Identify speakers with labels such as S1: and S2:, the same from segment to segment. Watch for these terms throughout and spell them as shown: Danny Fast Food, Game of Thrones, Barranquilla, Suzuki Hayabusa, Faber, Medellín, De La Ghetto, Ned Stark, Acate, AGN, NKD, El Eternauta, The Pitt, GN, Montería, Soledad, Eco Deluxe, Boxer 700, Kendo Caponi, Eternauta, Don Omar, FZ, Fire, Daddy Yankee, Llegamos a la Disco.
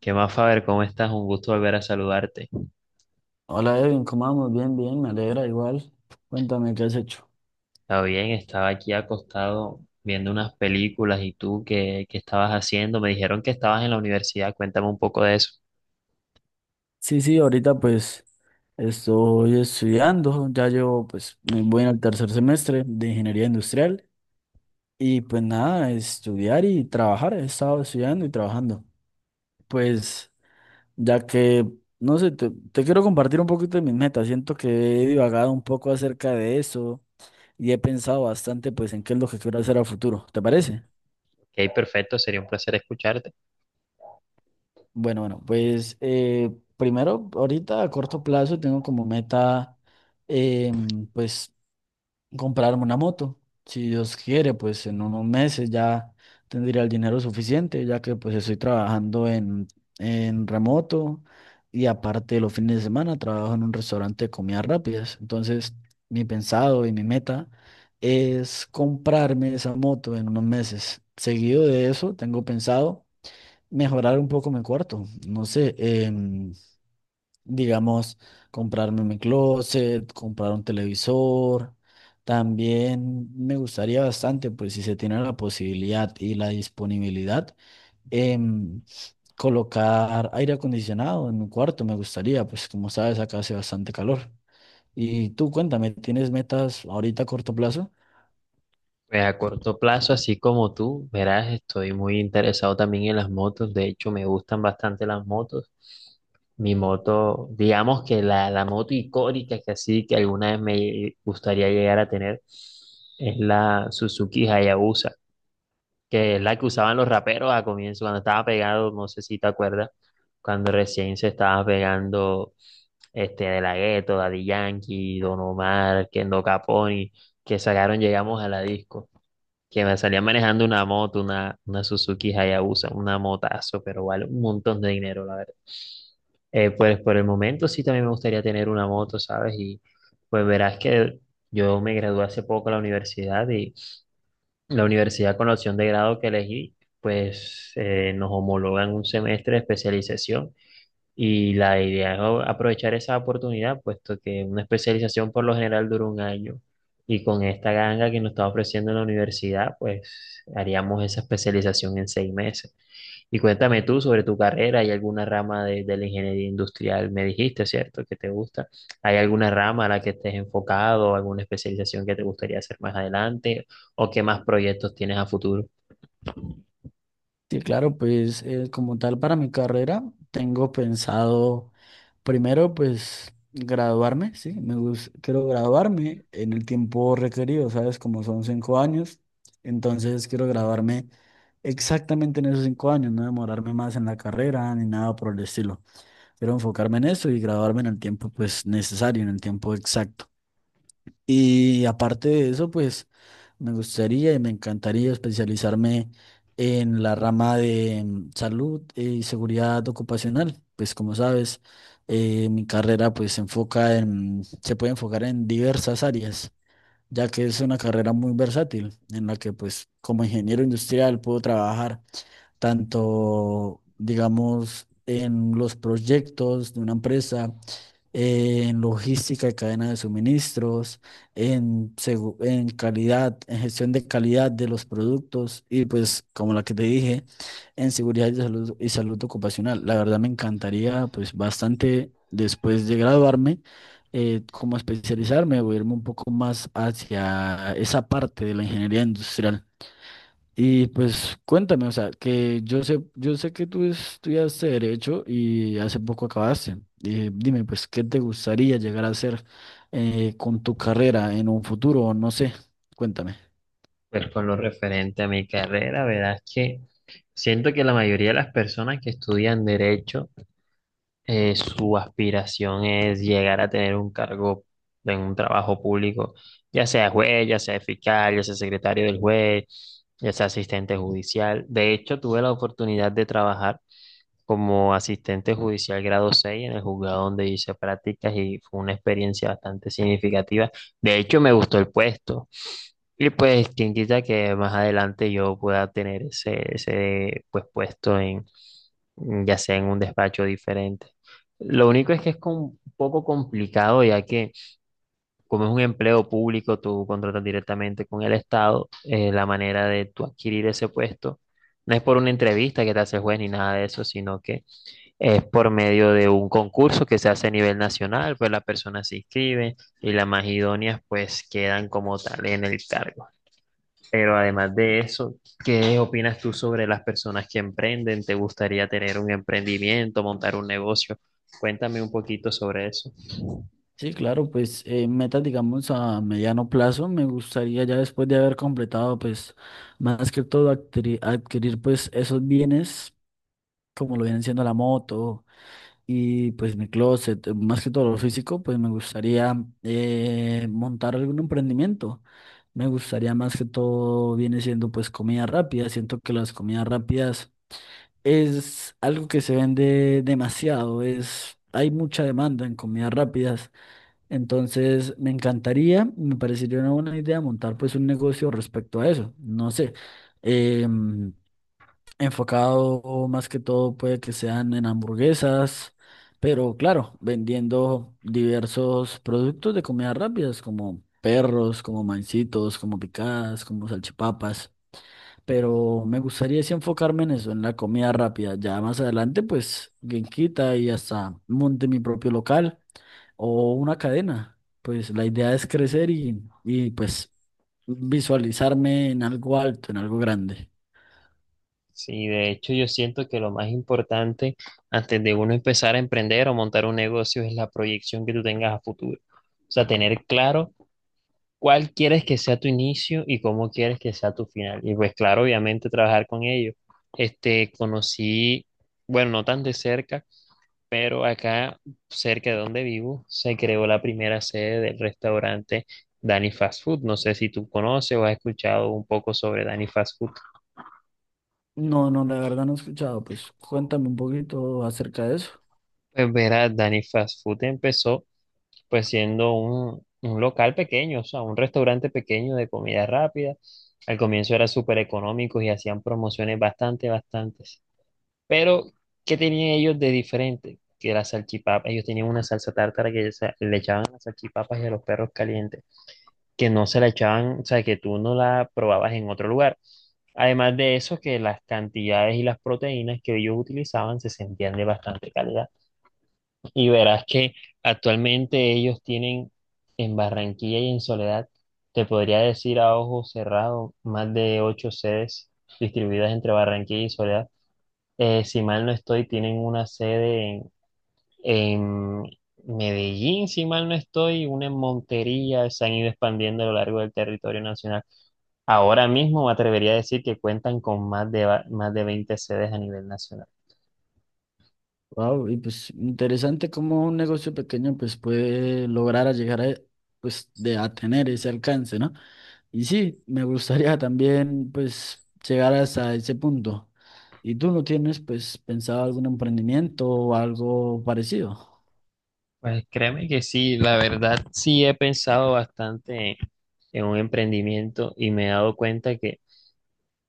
S1: ¿Qué más, Faber? ¿Cómo estás? Un gusto volver a saludarte.
S2: Hola Edwin, ¿cómo vamos? Bien, bien, me alegra igual. Cuéntame, ¿qué has hecho?
S1: Está bien, estaba aquí acostado viendo unas películas y tú, ¿qué estabas haciendo? Me dijeron que estabas en la universidad, cuéntame un poco de eso.
S2: Sí, sí, ahorita pues estoy estudiando, ya llevo pues me voy en el tercer semestre de ingeniería industrial y pues nada, estudiar y trabajar, he estado estudiando y trabajando. Pues ya que, no sé, te quiero compartir un poquito de mis metas, siento que he divagado un poco acerca de eso y he pensado bastante pues en qué es lo que quiero hacer a futuro, ¿te parece?
S1: Ok, perfecto, sería un placer escucharte.
S2: Bueno, bueno, pues primero, ahorita a corto plazo tengo como meta, pues, comprarme una moto. Si Dios quiere, pues en unos meses ya tendría el dinero suficiente, ya que pues estoy trabajando en remoto y aparte los fines de semana trabajo en un restaurante de comidas rápidas. Entonces, mi pensado y mi meta es comprarme esa moto en unos meses. Seguido de eso, tengo pensado mejorar un poco mi cuarto. No sé, em, digamos, comprarme mi closet, comprar un televisor. También me gustaría bastante, pues si se tiene la posibilidad y la disponibilidad, em, colocar aire acondicionado en mi cuarto. Me gustaría, pues como sabes, acá hace bastante calor. Y tú cuéntame, ¿tienes metas ahorita a corto plazo?
S1: Pues a corto plazo, así como tú, verás, estoy muy interesado también en las motos, de hecho me gustan bastante las motos. Mi moto, digamos que la moto icónica que así que alguna vez me gustaría llegar a tener es la Suzuki Hayabusa, que es la que usaban los raperos a comienzo, cuando estaba pegado, no sé si te acuerdas, cuando recién se estaba pegando De La Ghetto, Daddy Yankee, Don Omar, Kendo Caponi, que sacaron Llegamos a la Disco, que me salían manejando una moto, una Suzuki Hayabusa, una motazo, pero vale un montón de dinero, la verdad. Pues por el momento sí también me gustaría tener una moto, ¿sabes? Y pues verás que yo me gradué hace poco de la universidad, y la universidad con la opción de grado que elegí, pues nos homologan un semestre de especialización. Y la idea es aprovechar esa oportunidad, puesto que una especialización por lo general dura un año. Y con esta ganga que nos está ofreciendo la universidad, pues haríamos esa especialización en 6 meses. Y cuéntame tú sobre tu carrera, ¿hay alguna rama de la ingeniería industrial? Me dijiste, ¿cierto?, que te gusta. ¿Hay alguna rama a la que estés enfocado, alguna especialización que te gustaría hacer más adelante? ¿O qué más proyectos tienes a futuro?
S2: Sí, claro, pues como tal para mi carrera, tengo pensado primero, pues graduarme, sí, me gusta, quiero graduarme en el tiempo requerido, ¿sabes? Como son 5 años, entonces quiero graduarme exactamente en esos 5 años, no demorarme más en la carrera ni nada por el estilo. Quiero enfocarme en eso y graduarme en el tiempo, pues necesario, en el tiempo exacto. Y aparte de eso, pues me gustaría y me encantaría especializarme en la rama de salud y seguridad ocupacional. Pues como sabes, mi carrera pues se enfoca en, se puede enfocar en diversas áreas, ya que es una carrera muy versátil en la que pues como ingeniero industrial puedo trabajar tanto, digamos, en los proyectos de una empresa, en logística y cadena de suministros, en calidad, en gestión de calidad de los productos y pues, como la que te dije, en seguridad y salud ocupacional. La verdad me encantaría pues bastante después de graduarme. Como especializarme o irme un poco más hacia esa parte de la ingeniería industrial. Y pues cuéntame, o sea, que yo sé que tú estudiaste derecho y hace poco acabaste. Dime, pues, ¿qué te gustaría llegar a hacer con tu carrera en un futuro? No sé, cuéntame.
S1: Pues con lo referente a mi carrera, verás que siento que la mayoría de las personas que estudian derecho, su aspiración es llegar a tener un cargo en un trabajo público, ya sea juez, ya sea fiscal, ya sea secretario del juez, ya sea asistente judicial. De hecho, tuve la oportunidad de trabajar como asistente judicial grado 6 en el juzgado donde hice prácticas y fue una experiencia bastante significativa. De hecho, me gustó el puesto. Y pues, quien quita que más adelante yo pueda tener ese, ese puesto en, ya sea en un despacho diferente. Lo único es que es un poco complicado, ya que como es un empleo público, tú contratas directamente con el Estado. La manera de tú adquirir ese puesto no es por una entrevista que te hace el juez ni nada de eso, sino que es por medio de un concurso que se hace a nivel nacional: pues las personas se inscriben y las más idóneas pues quedan como tal en el cargo. Pero además de eso, ¿qué opinas tú sobre las personas que emprenden? ¿Te gustaría tener un emprendimiento, montar un negocio? Cuéntame un poquito sobre eso.
S2: Sí, claro, pues metas, digamos, a mediano plazo, me gustaría ya después de haber completado, pues, más que todo adquirir pues esos bienes, como lo vienen siendo la moto. Y pues mi closet, más que todo lo físico, pues me gustaría montar algún emprendimiento. Me gustaría, más que todo viene siendo pues comida rápida. Siento que las comidas rápidas es algo que se vende demasiado. Es, hay mucha demanda en comidas rápidas. Entonces me encantaría, me parecería una buena idea montar pues un negocio respecto a eso. No sé. em, Enfocado más que todo puede que sean en hamburguesas, pero claro, vendiendo diversos productos de comidas rápidas como perros, como mancitos, como picadas, como salchipapas. Pero me gustaría sí enfocarme en eso, en la comida rápida. Ya más adelante, pues, quien quita y hasta monte mi propio local o una cadena. Pues la idea es crecer y pues visualizarme en algo alto, en algo grande.
S1: Sí, de hecho yo siento que lo más importante antes de uno empezar a emprender o montar un negocio es la proyección que tú tengas a futuro. O sea, tener claro cuál quieres que sea tu inicio y cómo quieres que sea tu final. Y pues claro, obviamente trabajar con ellos. Este, conocí, bueno, no tan de cerca, pero acá, cerca de donde vivo, se creó la primera sede del restaurante Danny Fast Food. No sé si tú conoces o has escuchado un poco sobre Danny Fast Food.
S2: No, no, la verdad no he escuchado. Pues cuéntame un poquito acerca de eso.
S1: Pues verás, Danny Fast Food empezó pues siendo un local pequeño, o sea, un restaurante pequeño de comida rápida. Al comienzo era súper económico y hacían promociones bastante, bastantes. Pero, ¿qué tenían ellos de diferente? Que la salchipapa, ellos tenían una salsa tártara que le echaban a las salchipapas y a los perros calientes, que no se la echaban, o sea, que tú no la probabas en otro lugar. Además de eso, que las cantidades y las proteínas que ellos utilizaban se sentían de bastante calidad. Y verás que actualmente ellos tienen en Barranquilla y en Soledad, te podría decir a ojo cerrado, más de ocho sedes distribuidas entre Barranquilla y Soledad. Si mal no estoy, tienen una sede en Medellín; si mal no estoy, una en Montería. Se han ido expandiendo a lo largo del territorio nacional. Ahora mismo me atrevería a decir que cuentan con más de, más de 20 sedes a nivel nacional.
S2: Wow, y pues interesante cómo un negocio pequeño pues puede lograr a llegar a, pues de a tener ese alcance, ¿no? Y sí, me gustaría también pues llegar hasta ese punto. ¿Y tú no tienes pues pensado algún emprendimiento o algo parecido?
S1: Pues créeme que sí, la verdad sí he pensado bastante en un emprendimiento, y me he dado cuenta que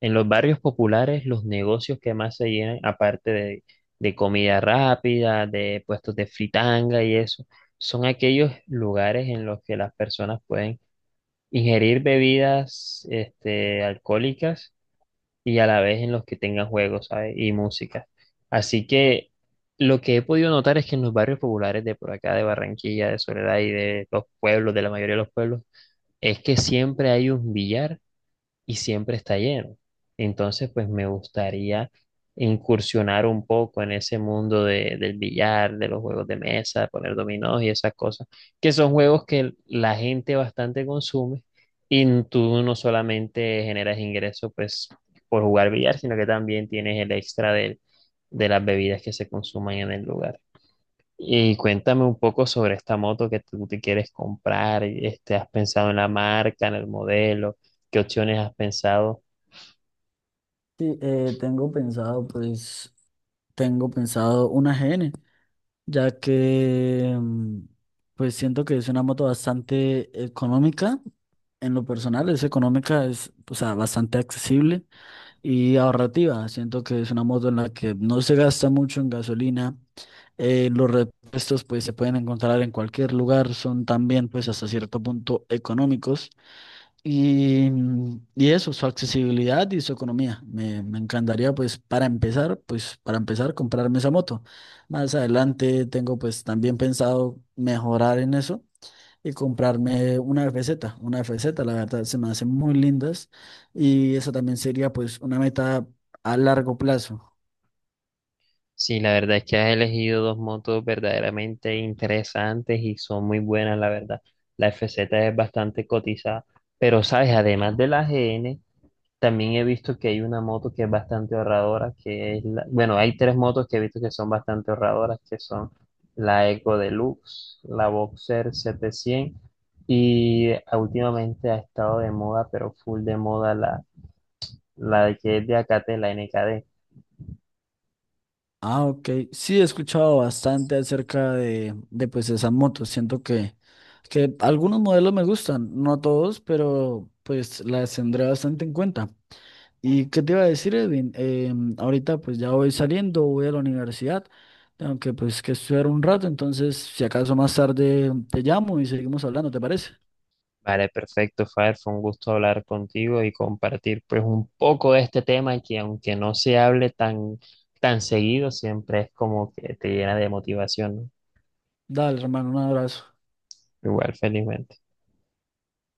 S1: en los barrios populares los negocios que más se llenan, aparte de comida rápida, de puestos de fritanga y eso, son aquellos lugares en los que las personas pueden ingerir bebidas alcohólicas y a la vez en los que tengan juegos, ¿sabes? Y música. Así que lo que he podido notar es que en los barrios populares de por acá, de Barranquilla, de Soledad y de los pueblos, de la mayoría de los pueblos, es que siempre hay un billar y siempre está lleno. Entonces, pues me gustaría incursionar un poco en ese mundo del billar, de los juegos de mesa, poner dominós y esas cosas, que son juegos que la gente bastante consume, y tú no solamente generas ingresos pues por jugar billar, sino que también tienes el extra de las bebidas que se consuman en el lugar. Y cuéntame un poco sobre esta moto que tú te quieres comprar. Este, ¿has pensado en la marca, en el modelo? ¿Qué opciones has pensado?
S2: Sí, tengo pensado una AGN. Ya que pues siento que es una moto bastante económica. En lo personal es económica, es, o sea, bastante accesible y ahorrativa. Siento que es una moto en la que no se gasta mucho en gasolina. Los repuestos pues se pueden encontrar en cualquier lugar, son también pues hasta cierto punto económicos. Y eso, su accesibilidad y su economía. Me encantaría, pues, para empezar, comprarme esa moto. Más adelante tengo, pues, también pensado mejorar en eso y comprarme una FZ. Una FZ, la verdad, se me hacen muy lindas y esa también sería, pues, una meta a largo plazo.
S1: Sí, la verdad es que has elegido dos motos verdaderamente interesantes y son muy buenas, la verdad. La FZ es bastante cotizada, pero sabes, además de la GN, también he visto que hay una moto que es bastante ahorradora, que es la, bueno, hay tres motos que he visto que son bastante ahorradoras, que son la Eco Deluxe, la Boxer 700 y ah, últimamente ha estado de moda, pero full de moda, la de que es de Acate, la NKD.
S2: Ah, ok. Sí, he escuchado bastante acerca de pues esas motos. Siento que algunos modelos me gustan, no todos, pero pues las tendré bastante en cuenta. ¿Y qué te iba a decir, Edwin? Ahorita pues ya voy saliendo, voy a la universidad, tengo que estudiar un rato, entonces si acaso más tarde te llamo y seguimos hablando, ¿te parece?
S1: Vale, perfecto, Fire, fue un gusto hablar contigo y compartir pues un poco de este tema que, aunque no se hable tan, tan seguido, siempre es como que te llena de motivación, ¿no?
S2: Dale, hermano, un abrazo.
S1: Igual, felizmente.